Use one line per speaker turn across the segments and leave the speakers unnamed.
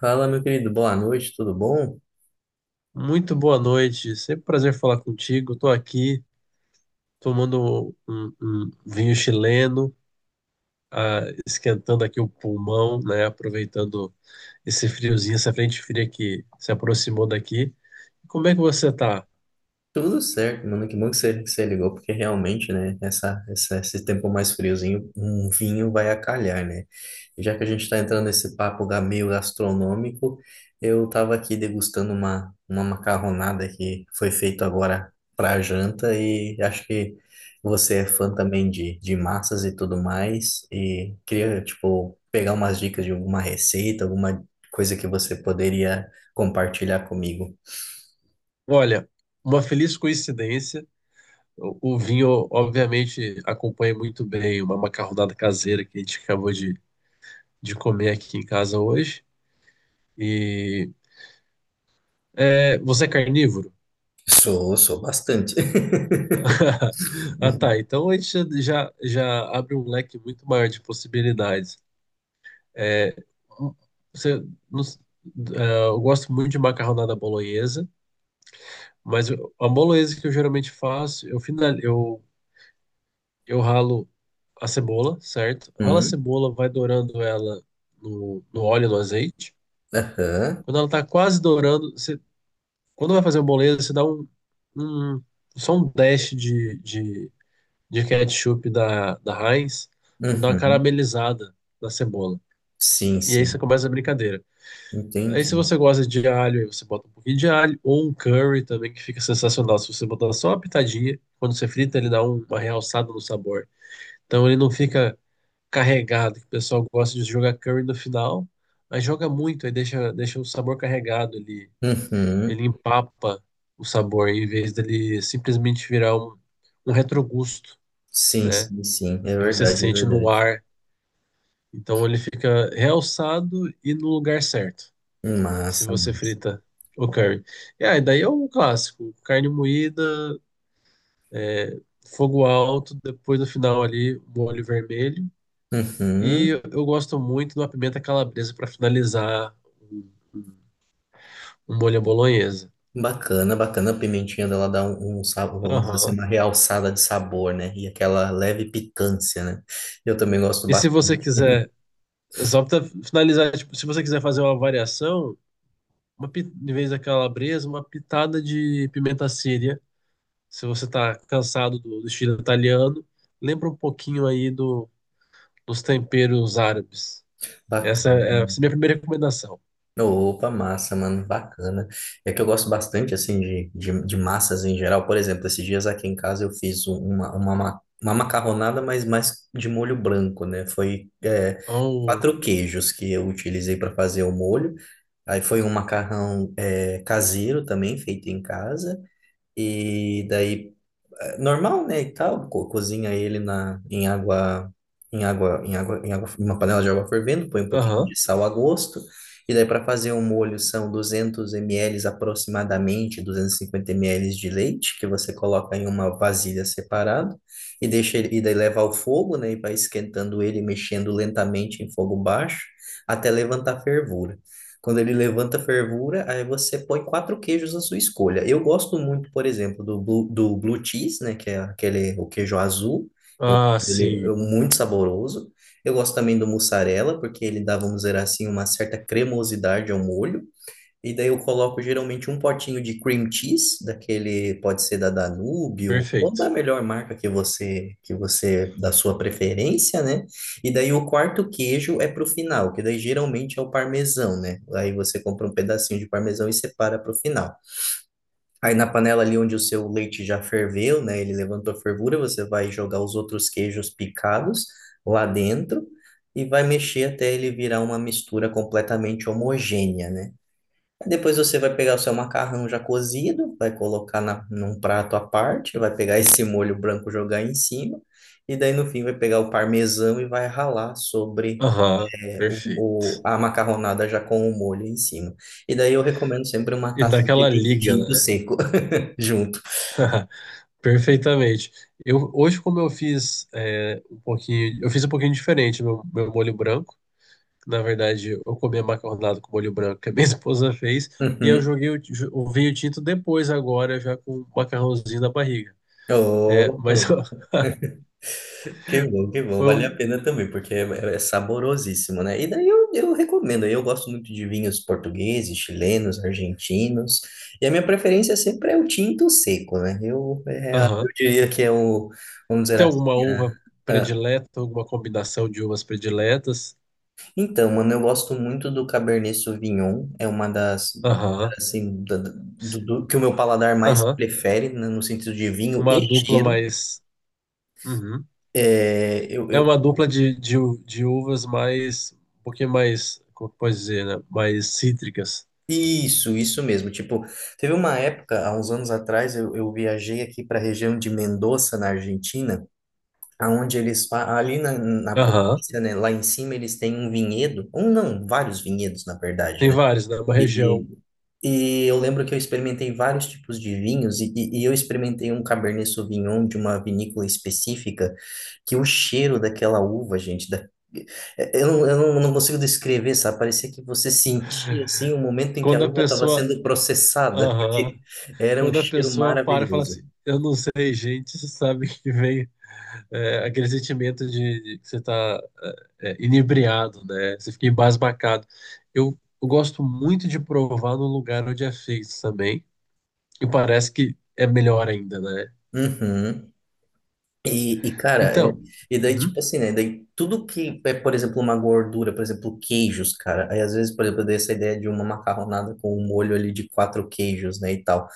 Fala, meu querido, boa noite, tudo bom?
Muito boa noite, sempre um prazer falar contigo. Estou aqui tomando um vinho chileno, ah, esquentando aqui o pulmão, né? Aproveitando esse friozinho, essa frente fria que se aproximou daqui. Como é que você tá?
Tudo certo, mano, que bom que você ligou, porque realmente, né, esse tempo mais friozinho, um vinho vai acalhar, né? E já que a gente tá entrando nesse papo meio gastronômico, eu tava aqui degustando uma macarronada que foi feita agora pra janta e acho que você é fã também de massas e tudo mais, e queria, tipo, pegar umas dicas de alguma receita, alguma coisa que você poderia compartilhar comigo.
Olha, uma feliz coincidência. O vinho, obviamente, acompanha muito bem uma macarronada caseira que a gente acabou de comer aqui em casa hoje. E é, você é carnívoro?
Sou bastante.
Ah, tá. Então a gente já abre um leque muito maior de possibilidades. É, um, você, não s- é, eu gosto muito de macarronada bolonhesa, mas a bolonhesa que eu geralmente faço, eu ralo a cebola, certo? Rala a
Uhum,
cebola, vai dourando ela no óleo, no azeite.
aham,
Quando ela tá quase dourando, quando vai fazer a bolonhesa, você dá um, só um dash de ketchup da Heinz para dar uma
uhum.
caramelizada na cebola.
Sim,
E aí você
sim.
começa a brincadeira. Aí se
Entendi.
você gosta de alho, aí você bota um pouquinho de alho, ou um curry também, que fica sensacional. Se você botar só uma pitadinha, quando você frita, ele dá uma realçada no sabor. Então ele não fica carregado, que o pessoal gosta de jogar curry no final, mas joga muito, aí deixa o sabor carregado, ele,
Uhum.
ele empapa o sabor, em vez dele simplesmente virar um retrogusto,
Sim,
né?
sim, sim. É
Que você
verdade, é
sente no
verdade.
ar. Então ele fica realçado e no lugar certo, se
Massa,
você
massa.
frita o curry. E aí, daí é um clássico, carne moída, é, fogo alto, depois no final ali, um molho vermelho. E
Uhum.
eu gosto muito de uma pimenta calabresa para finalizar um, um- um molho à bolonhesa.
Bacana, bacana. A pimentinha dela dá um sabor, vamos dizer assim,
Aham.
uma realçada de sabor, né? E aquela leve picância, né? Eu também gosto
E se você
bastante.
quiser, só para finalizar, tipo, se você quiser fazer uma variação, em vez da calabresa, uma pitada de pimenta síria. Se você está cansado do estilo italiano, lembra um pouquinho aí dos temperos árabes. Essa
Bacana.
é, essa é a minha primeira recomendação.
Opa, massa, mano, bacana. É que eu gosto bastante, assim, de massas em geral. Por exemplo, esses dias aqui em casa eu fiz uma macarronada, mas mais de molho branco, né? Foi,
Oh,
quatro queijos que eu utilizei para fazer o molho. Aí foi um macarrão, caseiro também, feito em casa. E daí normal, né, e tal, cozinha ele em água, em uma panela de água fervendo, põe um pouquinho
aham.
de sal a gosto, e daí para fazer um molho são 200 ml aproximadamente, 250 ml de leite, que você coloca em uma vasilha separada, e deixa ele, e daí leva ao fogo, né, e vai esquentando ele, mexendo lentamente em fogo baixo, até levantar fervura. Quando ele levanta a fervura, aí você põe quatro queijos à sua escolha. Eu gosto muito, por exemplo, do blue cheese, né? Que é aquele, o queijo azul. Eu,
Ah,
Ele é
sim.
muito saboroso. Eu gosto também do mussarela, porque ele dá, vamos dizer assim, uma certa cremosidade ao molho. E daí eu coloco geralmente um potinho de cream cheese, daquele pode ser da Danúbio, ou da
Perfeito.
melhor marca que você da sua preferência, né? E daí o quarto queijo é pro final, que daí geralmente é o parmesão, né? Aí você compra um pedacinho de parmesão e separa pro final. Aí na panela ali onde o seu leite já ferveu, né? Ele levantou a fervura, você vai jogar os outros queijos picados lá dentro e vai mexer até ele virar uma mistura completamente homogênea, né? Aí depois você vai pegar o seu macarrão já cozido, vai colocar num prato à parte, vai pegar esse molho branco jogar em cima, e daí no fim vai pegar o parmesão e vai ralar sobre
Aham, perfeito.
a macarronada já com o molho em cima. E daí eu recomendo sempre uma
E
taça de
daquela
vinho
liga,
tinto
né?
seco junto.
Perfeitamente. Eu, hoje, como eu fiz um pouquinho, eu fiz um pouquinho diferente meu molho branco. Na verdade, eu comi macarronada com molho branco que a minha esposa fez e eu
Uhum.
joguei o vinho tinto depois, agora, já com o macarrãozinho na barriga. É,
Oh.
mas ó,
Que bom, que bom.
foi
Vale a
um.
pena também, porque é saborosíssimo, né? E daí eu recomendo. Eu gosto muito de vinhos portugueses, chilenos, argentinos. E a minha preferência sempre é o tinto seco, né? Eu
Aham.
diria que é o, vamos dizer
Tem
assim,
alguma
a-
uva
a-
predileta, alguma combinação de uvas prediletas?
Então, mano, eu gosto muito do Cabernet Sauvignon. É uma das,
Aham.
assim,
Sim.
que o meu paladar mais
Aham.
prefere, né, no sentido de vinho
Uma
e
dupla
cheiro.
mais. Uhum.
É
É
eu
uma dupla de uvas mais. Um pouquinho mais. Como que pode dizer, né? Mais cítricas.
Isso, isso mesmo. Tipo, teve uma época, há uns anos atrás, eu viajei aqui para a região de Mendoza, na Argentina, aonde eles, ali na
Aham.
província, né, lá em cima, eles têm um vinhedo, um não, vários vinhedos, na verdade,
Tem
né?
vários, né? Uma região.
E, e eu lembro que eu experimentei vários tipos de vinhos, e eu experimentei um Cabernet Sauvignon de uma vinícola específica, que o cheiro daquela uva, gente, não, eu não consigo descrever, sabe? Parecia que você sentia, assim, o momento em que a
Quando a
uva estava
pessoa.
sendo processada,
Aham.
porque era um
Quando a
cheiro
pessoa para e fala
maravilhoso.
assim, eu não sei, gente, você sabe que vem é, aquele sentimento de que você está inebriado, né? Você fica embasbacado. Eu gosto muito de provar no lugar onde é feito também, e parece que é melhor ainda, né?
Uhum. Cara,
Então,
e daí, tipo
uhum,
assim, né? Daí tudo que é, por exemplo, uma gordura, por exemplo, queijos, cara. Aí às vezes, por exemplo, eu dei essa ideia de uma macarronada com um molho ali de quatro queijos, né? E tal.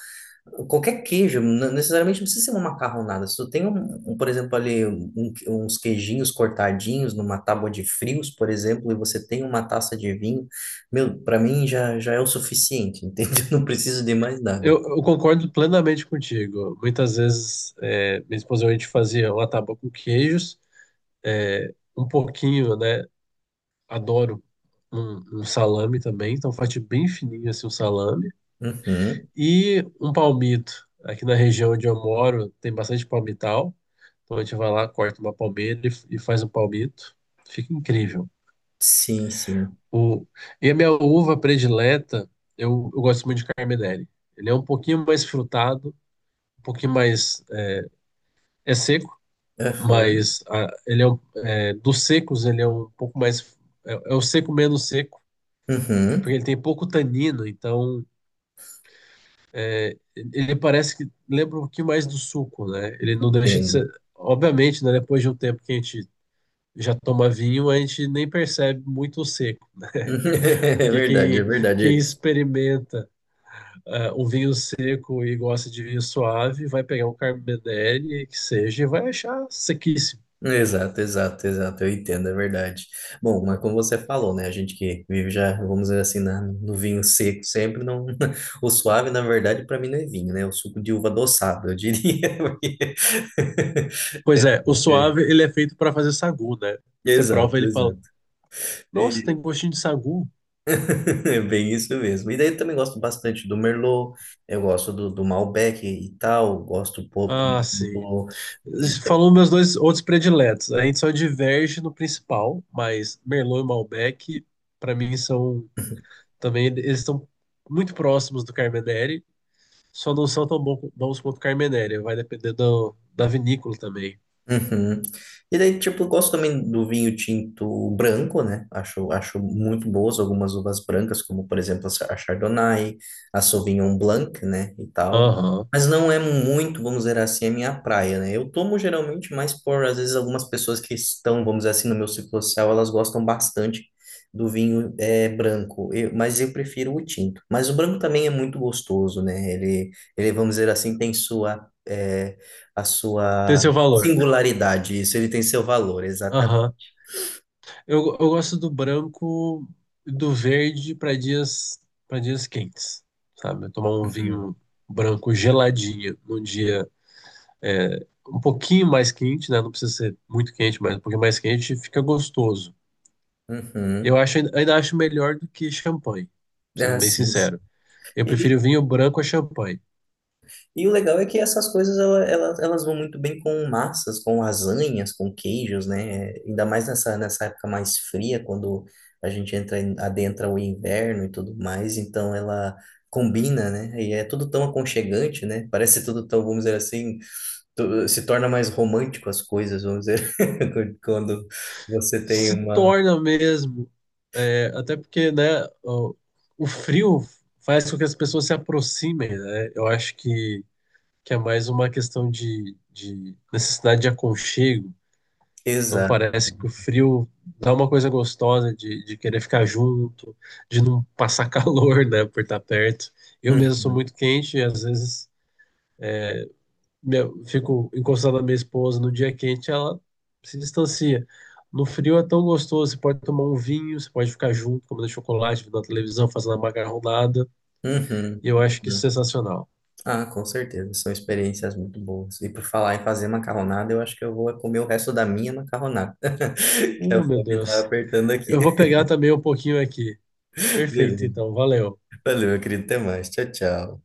Qualquer queijo, não necessariamente não precisa ser uma macarronada. Se tu tem por exemplo, ali uns queijinhos cortadinhos numa tábua de frios, por exemplo, e você tem uma taça de vinho, meu, pra mim já, já é o suficiente, entende? Eu não preciso de mais nada.
eu concordo plenamente contigo. Muitas vezes, é, minha esposa e eu, a gente fazia uma tábua com queijos, é, um pouquinho, né? Adoro um salame também, então faço bem fininho assim um salame.
Uhum.
E um palmito. Aqui na região onde eu moro tem bastante palmital. Então a gente vai lá, corta uma palmeira e faz um palmito. Fica incrível.
Sim, sim.
O, e a minha uva predileta, eu gosto muito de Carmedelli. Ele é um pouquinho mais frutado, um pouquinho mais. É seco,
Aham.
mas ah, é, dos secos, ele é um pouco mais. É, é o seco menos seco, porque
Uhum.
ele tem pouco tanino, então ele parece que lembra um pouquinho mais do suco, né? Ele não deixa de ser.
Entendo.
Obviamente, né, depois de um tempo que a gente já toma vinho, a gente nem percebe muito o seco,
É
porque
verdade, é
quem
verdade.
experimenta ah, um vinho seco e gosta de vinho suave vai pegar um Carmenere que seja e vai achar sequíssimo.
Exato, exato, exato. Eu entendo, é verdade. Bom, mas como você falou, né? A gente que vive já, vamos dizer assim, no vinho seco sempre, não. O suave, na verdade, para mim não é vinho, né? É o suco de uva adoçado, eu diria. porque-
Pois é, o
É,
suave ele é feito para fazer sagu, né? Você
Exato,
prova ele e fala:
exato.
Nossa,
E-
tem gostinho de sagu.
é bem isso mesmo. E daí eu também gosto bastante do Merlot, eu gosto do Malbec e tal, gosto um pouco
Ah, sim,
do,
falou meus dois outros prediletos. A gente só diverge no principal, mas Merlot e Malbec, para mim, são também. Eles estão muito próximos do Carmenere, só não são tão bons quanto o Carmenere. Vai depender do, da vinícola também.
uhum. E daí, tipo, eu gosto também do vinho tinto branco, né? Acho muito boas algumas uvas brancas, como, por exemplo, a Chardonnay, a Sauvignon Blanc, né? E tal.
Aham.
Mas não é muito, vamos dizer assim, a minha praia, né? Eu tomo geralmente mais por, às vezes, algumas pessoas que estão, vamos dizer assim, no meu ciclo social, elas gostam bastante do vinho branco. Mas eu prefiro o tinto. Mas o branco também é muito gostoso, né? Ele, vamos dizer assim, tem a
Tem
sua
seu valor.
singularidade, isso, ele tem seu valor, exatamente.
Aham. Eu gosto do branco e do verde para dias quentes, sabe? Tomar um
Uhum.
vinho branco geladinho num dia é, um pouquinho mais quente, né? Não precisa ser muito quente, mas um pouquinho mais quente fica gostoso. Eu
Uhum.
acho, ainda acho melhor do que champanhe, sendo
Ah,
bem
sim. Sim.
sincero. Eu
E,
prefiro vinho branco a champanhe.
e o legal é que essas coisas ela- elas vão muito bem com massas, com lasanhas, com queijos, né? Ainda mais nessa época mais fria, quando a gente entra adentra o inverno e tudo mais, então ela combina, né? E é tudo tão aconchegante, né? Parece tudo tão, vamos dizer assim, se torna mais romântico as coisas, vamos dizer, quando você tem
Se
uma.
torna mesmo, é, até porque, né, o frio faz com que as pessoas se aproximem, né? Eu acho que é mais uma questão de necessidade de aconchego. Então
Exato.
parece que o frio dá uma coisa gostosa de querer ficar junto, de não passar calor, né, por estar perto. Eu mesmo sou
Uhum,
muito quente e às vezes meu, fico encostado na minha esposa no dia quente, ela se distancia. No frio é tão gostoso, você pode tomar um vinho, você pode ficar junto, comendo chocolate, vendo a televisão, fazendo a macarronada,
uhum,
e eu acho que isso
uhum.
é sensacional.
Ah, com certeza, são experiências muito boas. E por falar em fazer macarronada, eu acho que eu vou comer o resto da minha macarronada, que a
Meu
fome tá
Deus.
apertando aqui.
Eu vou pegar também um pouquinho aqui. Perfeito,
Beleza.
então, valeu.
Valeu, meu querido, até mais. Tchau, tchau.